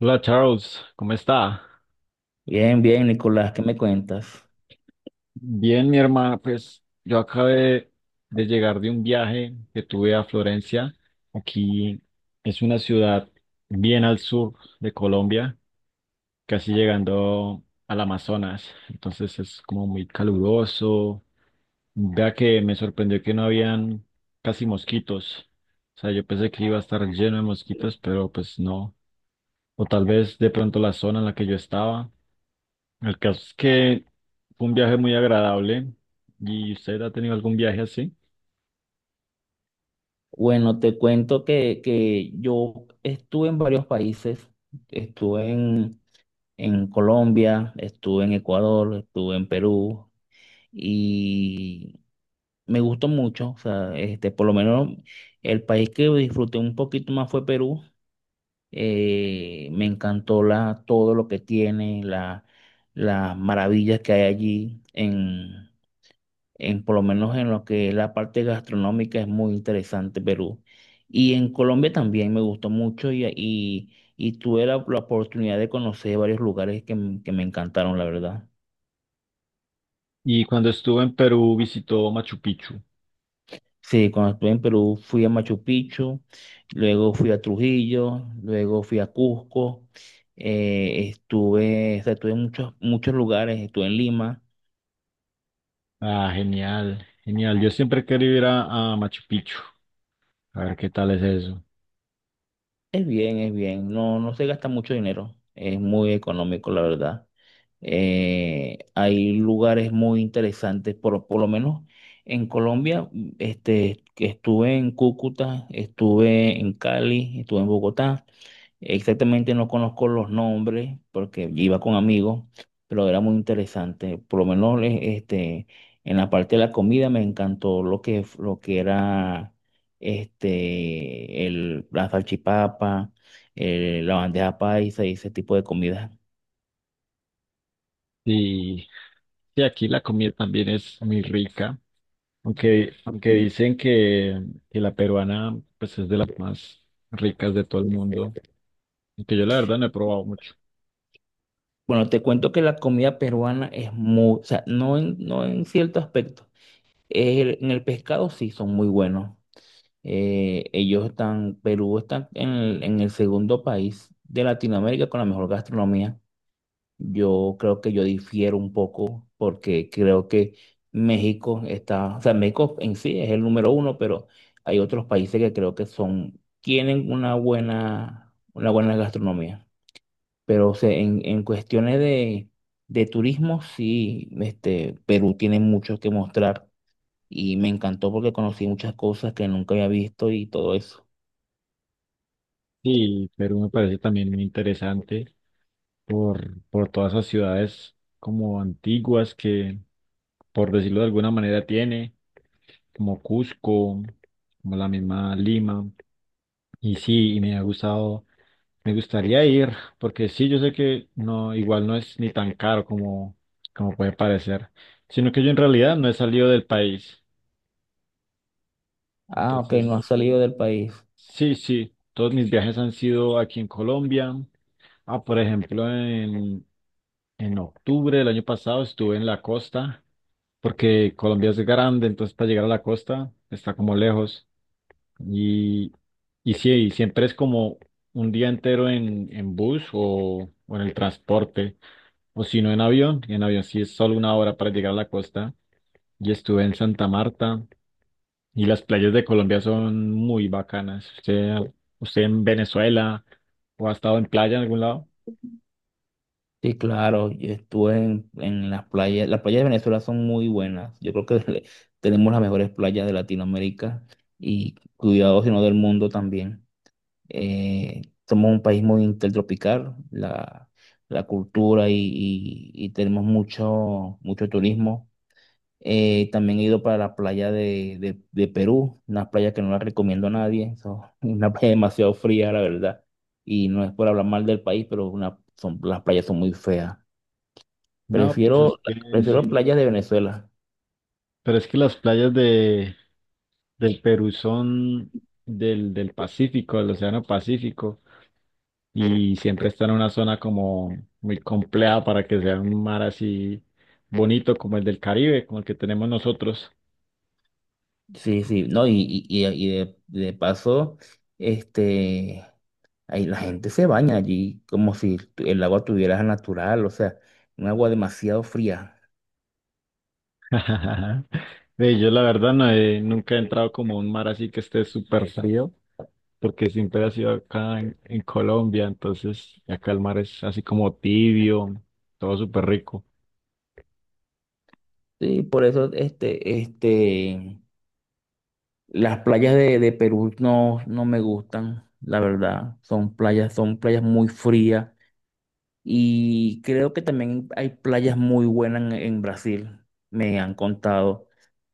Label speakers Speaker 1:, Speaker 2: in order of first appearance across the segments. Speaker 1: Hola Charles, ¿cómo está?
Speaker 2: Bien, bien, Nicolás, ¿qué me cuentas?
Speaker 1: Bien, mi hermana, pues yo acabé de llegar de un viaje que tuve a Florencia. Aquí es una ciudad bien al sur de Colombia, casi llegando al Amazonas. Entonces es como muy caluroso. Vea que me sorprendió que no habían casi mosquitos. O sea, yo pensé que iba a estar lleno de mosquitos, pero pues no. O tal vez de pronto la zona en la que yo estaba. El caso es que fue un viaje muy agradable. ¿Y usted ha tenido algún viaje así?
Speaker 2: Bueno, te cuento que yo estuve en varios países, estuve en, en Colombia, estuve en Ecuador, estuve en Perú y me gustó mucho, o sea, por lo menos el país que disfruté un poquito más fue Perú. Me encantó la, todo lo que tiene, la, las maravillas que hay allí en, por lo menos en lo que es la parte gastronómica es muy interesante Perú. Y en Colombia también me gustó mucho y tuve la, la oportunidad de conocer varios lugares que me encantaron, la verdad.
Speaker 1: Y cuando estuvo en Perú visitó Machu Picchu.
Speaker 2: Sí, cuando estuve en Perú fui a Machu Picchu, luego fui a Trujillo, luego fui a Cusco, estuve, o sea, estuve en muchos lugares, estuve en Lima.
Speaker 1: Ah, genial, genial. Yo siempre quería ir a Machu Picchu. A ver qué tal es eso.
Speaker 2: Es bien, es bien. No, no se gasta mucho dinero. Es muy económico, la verdad. Hay lugares muy interesantes, por lo menos en Colombia. Que estuve en Cúcuta, estuve en Cali, estuve en Bogotá. Exactamente no conozco los nombres porque iba con amigos, pero era muy interesante. Por lo menos en la parte de la comida me encantó lo que era el, la salchipapa, la bandeja paisa y ese tipo de comida.
Speaker 1: Y, y aquí la comida también es muy rica. Aunque dicen que la peruana pues es de las más ricas de todo el mundo. Aunque yo la verdad no he probado mucho.
Speaker 2: Bueno, te cuento que la comida peruana es muy, o sea, no en cierto aspecto. El- en el pescado sí son muy buenos. Ellos están, Perú está en el segundo país de Latinoamérica con la mejor gastronomía. Yo creo que yo difiero un poco porque creo que México está, o sea, México en sí es el número uno, pero hay otros países que creo que son, tienen una buena gastronomía. Pero o sea, en cuestiones de turismo, sí, Perú tiene mucho que mostrar y me encantó porque conocí muchas cosas que nunca había visto y todo eso.
Speaker 1: Sí, Perú me parece también muy interesante. Por todas esas ciudades como antiguas que, por decirlo de alguna manera, tiene, como Cusco, como la misma Lima. Y sí, y me ha gustado, me gustaría ir, porque sí, yo sé que no, igual no es ni tan caro como, como puede parecer, sino que yo en realidad no he salido del país.
Speaker 2: Ah, ok, no has
Speaker 1: Entonces,
Speaker 2: salido del país.
Speaker 1: sí, sí, todos mis viajes han sido aquí en Colombia. Ah, por ejemplo, en octubre del año pasado estuve en la costa porque Colombia es grande, entonces para llegar a la costa está como lejos. Y, y sí, y siempre es como un día entero en bus o en el transporte, o si no en avión, en avión sí es solo una hora para llegar a la costa. Y estuve en Santa Marta y las playas de Colombia son muy bacanas. ¿Usted en Venezuela o ha estado en playa en algún lado?
Speaker 2: Sí, claro, yo estuve en las playas. Las playas de Venezuela son muy buenas. Yo creo que tenemos las mejores playas de Latinoamérica y cuidado, si no del mundo también. Eh, somos un país muy intertropical, la cultura y tenemos mucho, mucho turismo. También he ido para la playa de, de Perú, una playa que no la recomiendo a nadie, so- una playa demasiado fría, la verdad. Y no es por hablar mal del país, pero una, son, las playas son muy feas.
Speaker 1: No, pues es
Speaker 2: Prefiero,
Speaker 1: que
Speaker 2: prefiero
Speaker 1: sí.
Speaker 2: playas de Venezuela.
Speaker 1: Pero es que las playas del Perú son del Pacífico, del Océano Pacífico, y siempre está en una zona como muy compleja para que sea un mar así bonito como el del Caribe, como el que tenemos nosotros.
Speaker 2: Sí, sí, no, y de paso, este, ahí la gente se baña allí como si tu- el agua tuviera natural, o sea, un agua demasiado fría.
Speaker 1: Ve, yo la verdad nunca he entrado como a un mar así que esté súper frío, porque siempre ha sido acá en Colombia, entonces acá el mar es así como tibio, todo súper rico.
Speaker 2: Sí, por eso, este. Las playas de Perú no, no me gustan, la verdad. Son playas muy frías y creo que también hay playas muy buenas en Brasil. Me han contado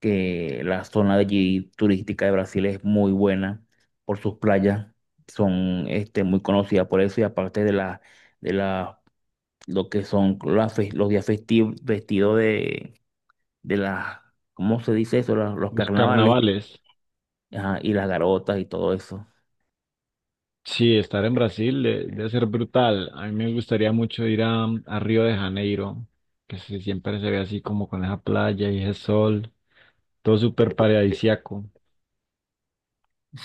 Speaker 2: que la zona de allí turística de Brasil es muy buena por sus playas. Son muy conocidas por eso y aparte de la, lo que son las los días festivos vestidos de las, ¿cómo se dice eso? Los
Speaker 1: Los
Speaker 2: carnavales
Speaker 1: carnavales.
Speaker 2: ajá, y las garotas y todo eso.
Speaker 1: Sí, estar en Brasil debe ser brutal. A mí me gustaría mucho ir a Río de Janeiro, que siempre se ve así como con esa playa y ese sol, todo súper paradisíaco.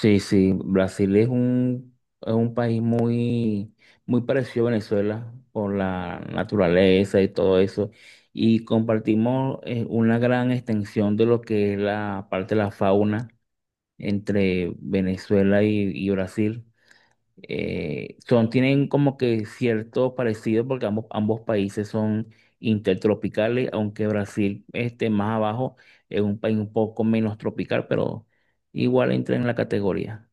Speaker 2: Sí, sí, Brasil es es un país muy, muy parecido a Venezuela por la naturaleza y todo eso. Y compartimos una gran extensión de lo que es la parte de la fauna entre Venezuela y Brasil. Son, tienen como que cierto parecido porque ambos países son intertropicales, aunque Brasil esté más abajo, es un país un poco menos tropical, pero igual entra en la categoría.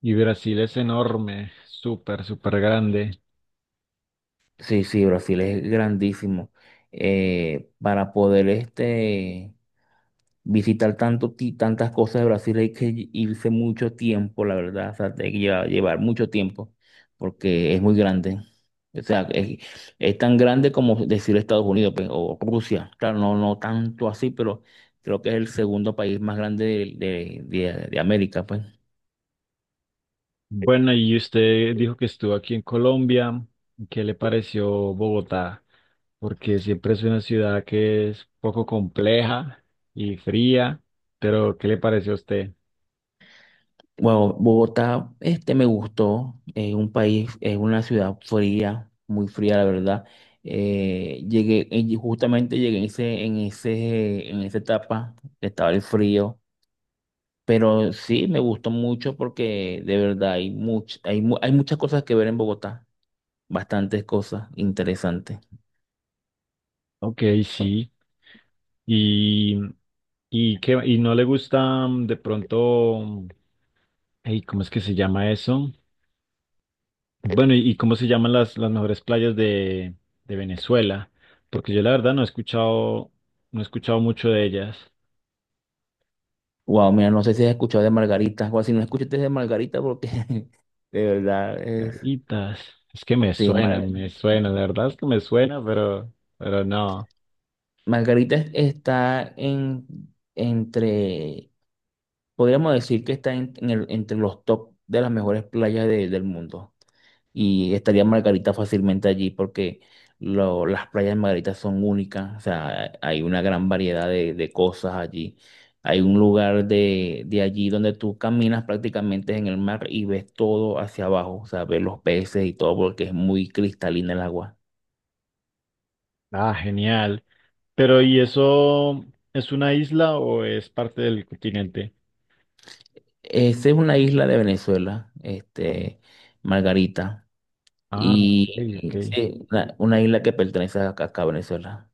Speaker 1: Y Brasil es enorme, súper, súper grande.
Speaker 2: Sí, sí, Brasil es grandísimo. Para poder visitar tanto, tantas cosas de Brasil hay que irse mucho tiempo, la verdad. O sea, hay que llevar, llevar mucho tiempo porque es muy grande. O sea, es tan grande como decir Estados Unidos pues, o Rusia. Claro, no, no tanto así, pero creo que es el segundo país más grande de América, pues.
Speaker 1: Bueno, y usted dijo que estuvo aquí en Colombia. ¿Qué le pareció Bogotá? Porque siempre es una ciudad que es poco compleja y fría, pero ¿qué le pareció a usted?
Speaker 2: Bueno, Bogotá, me gustó, es un país, es una ciudad fría, muy fría, la verdad. Llegué, justamente llegué en en esa etapa, estaba el frío, pero sí me gustó mucho porque de verdad hay muchas cosas que ver en Bogotá, bastantes cosas interesantes.
Speaker 1: Ok, sí. Y, y no le gusta mm, de pronto, mm, ey, ¿cómo es que se llama eso? Bueno, y cómo se llaman las mejores playas de Venezuela, porque yo la verdad no he escuchado, no he escuchado mucho de ellas.
Speaker 2: Wow, mira, no sé si has escuchado de Margarita, o si no escuchaste de Margarita porque de verdad es,
Speaker 1: Caritas, es que
Speaker 2: sí,
Speaker 1: me suena, la verdad es que me suena, pero no.
Speaker 2: Margarita está en, entre, podríamos decir que está entre los top de las mejores playas del mundo. Y estaría Margarita fácilmente allí porque las playas de Margarita son únicas. O sea, hay una gran variedad de cosas allí. Hay un lugar de allí donde tú caminas prácticamente en el mar y ves todo hacia abajo. O sea, ves los peces y todo porque es muy cristalina el agua.
Speaker 1: Ah, genial. Pero ¿y eso es una isla o es parte del continente?
Speaker 2: Esa es una isla de Venezuela, Margarita.
Speaker 1: Ah, ok,
Speaker 2: Y
Speaker 1: ok.
Speaker 2: y sí, una isla que pertenece a acá a Venezuela.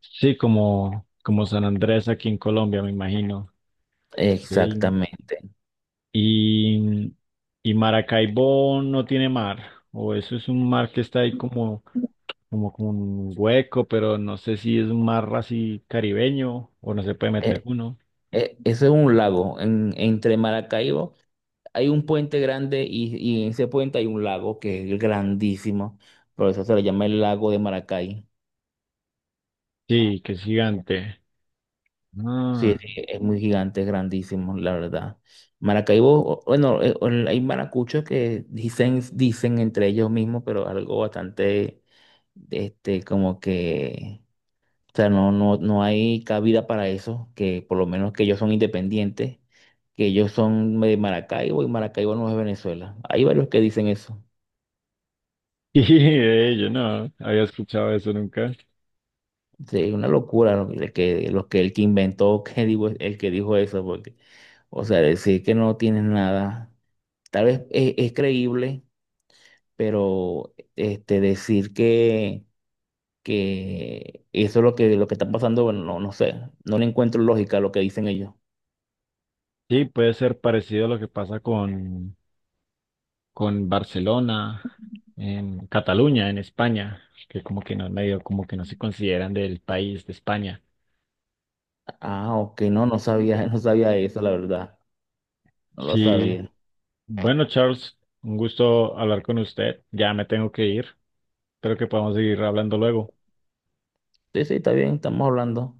Speaker 1: Sí, como, como San Andrés aquí en Colombia, me imagino. Ve,
Speaker 2: Exactamente.
Speaker 1: Y, y Maracaibo no tiene mar, o eso es un mar que está ahí como, como, como un hueco, pero no sé si es un mar así caribeño o no se puede meter
Speaker 2: Eh,
Speaker 1: uno.
Speaker 2: eso es un lago. En- entre Maracaibo hay un puente grande y en ese puente hay un lago que es grandísimo. Por eso se le llama el lago de Maracay.
Speaker 1: Sí, que es gigante.
Speaker 2: Sí,
Speaker 1: Ah,
Speaker 2: sí, es muy gigante, es grandísimo, la verdad. Maracaibo, o- bueno, o- hay maracuchos que dicen, dicen entre ellos mismos, pero algo bastante, como que, o sea, no, no, no hay cabida para eso, que por lo menos que ellos son independientes, que ellos son de Maracaibo y Maracaibo no es Venezuela. Hay varios que dicen eso.
Speaker 1: y de ello no había escuchado eso nunca.
Speaker 2: Sí, es una locura lo lo que el que inventó, que digo, el que dijo eso, porque, o sea, decir que no tienen nada. Tal vez es creíble, pero decir que eso es lo que está pasando, bueno, no, no sé, no le encuentro lógica a lo que dicen ellos.
Speaker 1: Sí, puede ser parecido a lo que pasa con Barcelona, en Cataluña, en España, que como que no, medio como que no se consideran del país de España.
Speaker 2: Ah, ok, no, no sabía, no sabía eso, la verdad, no lo
Speaker 1: Sí,
Speaker 2: sabía.
Speaker 1: bueno, Charles, un gusto hablar con usted. Ya me tengo que ir. Espero que podamos seguir hablando luego.
Speaker 2: Sí, sí, está bien, estamos hablando.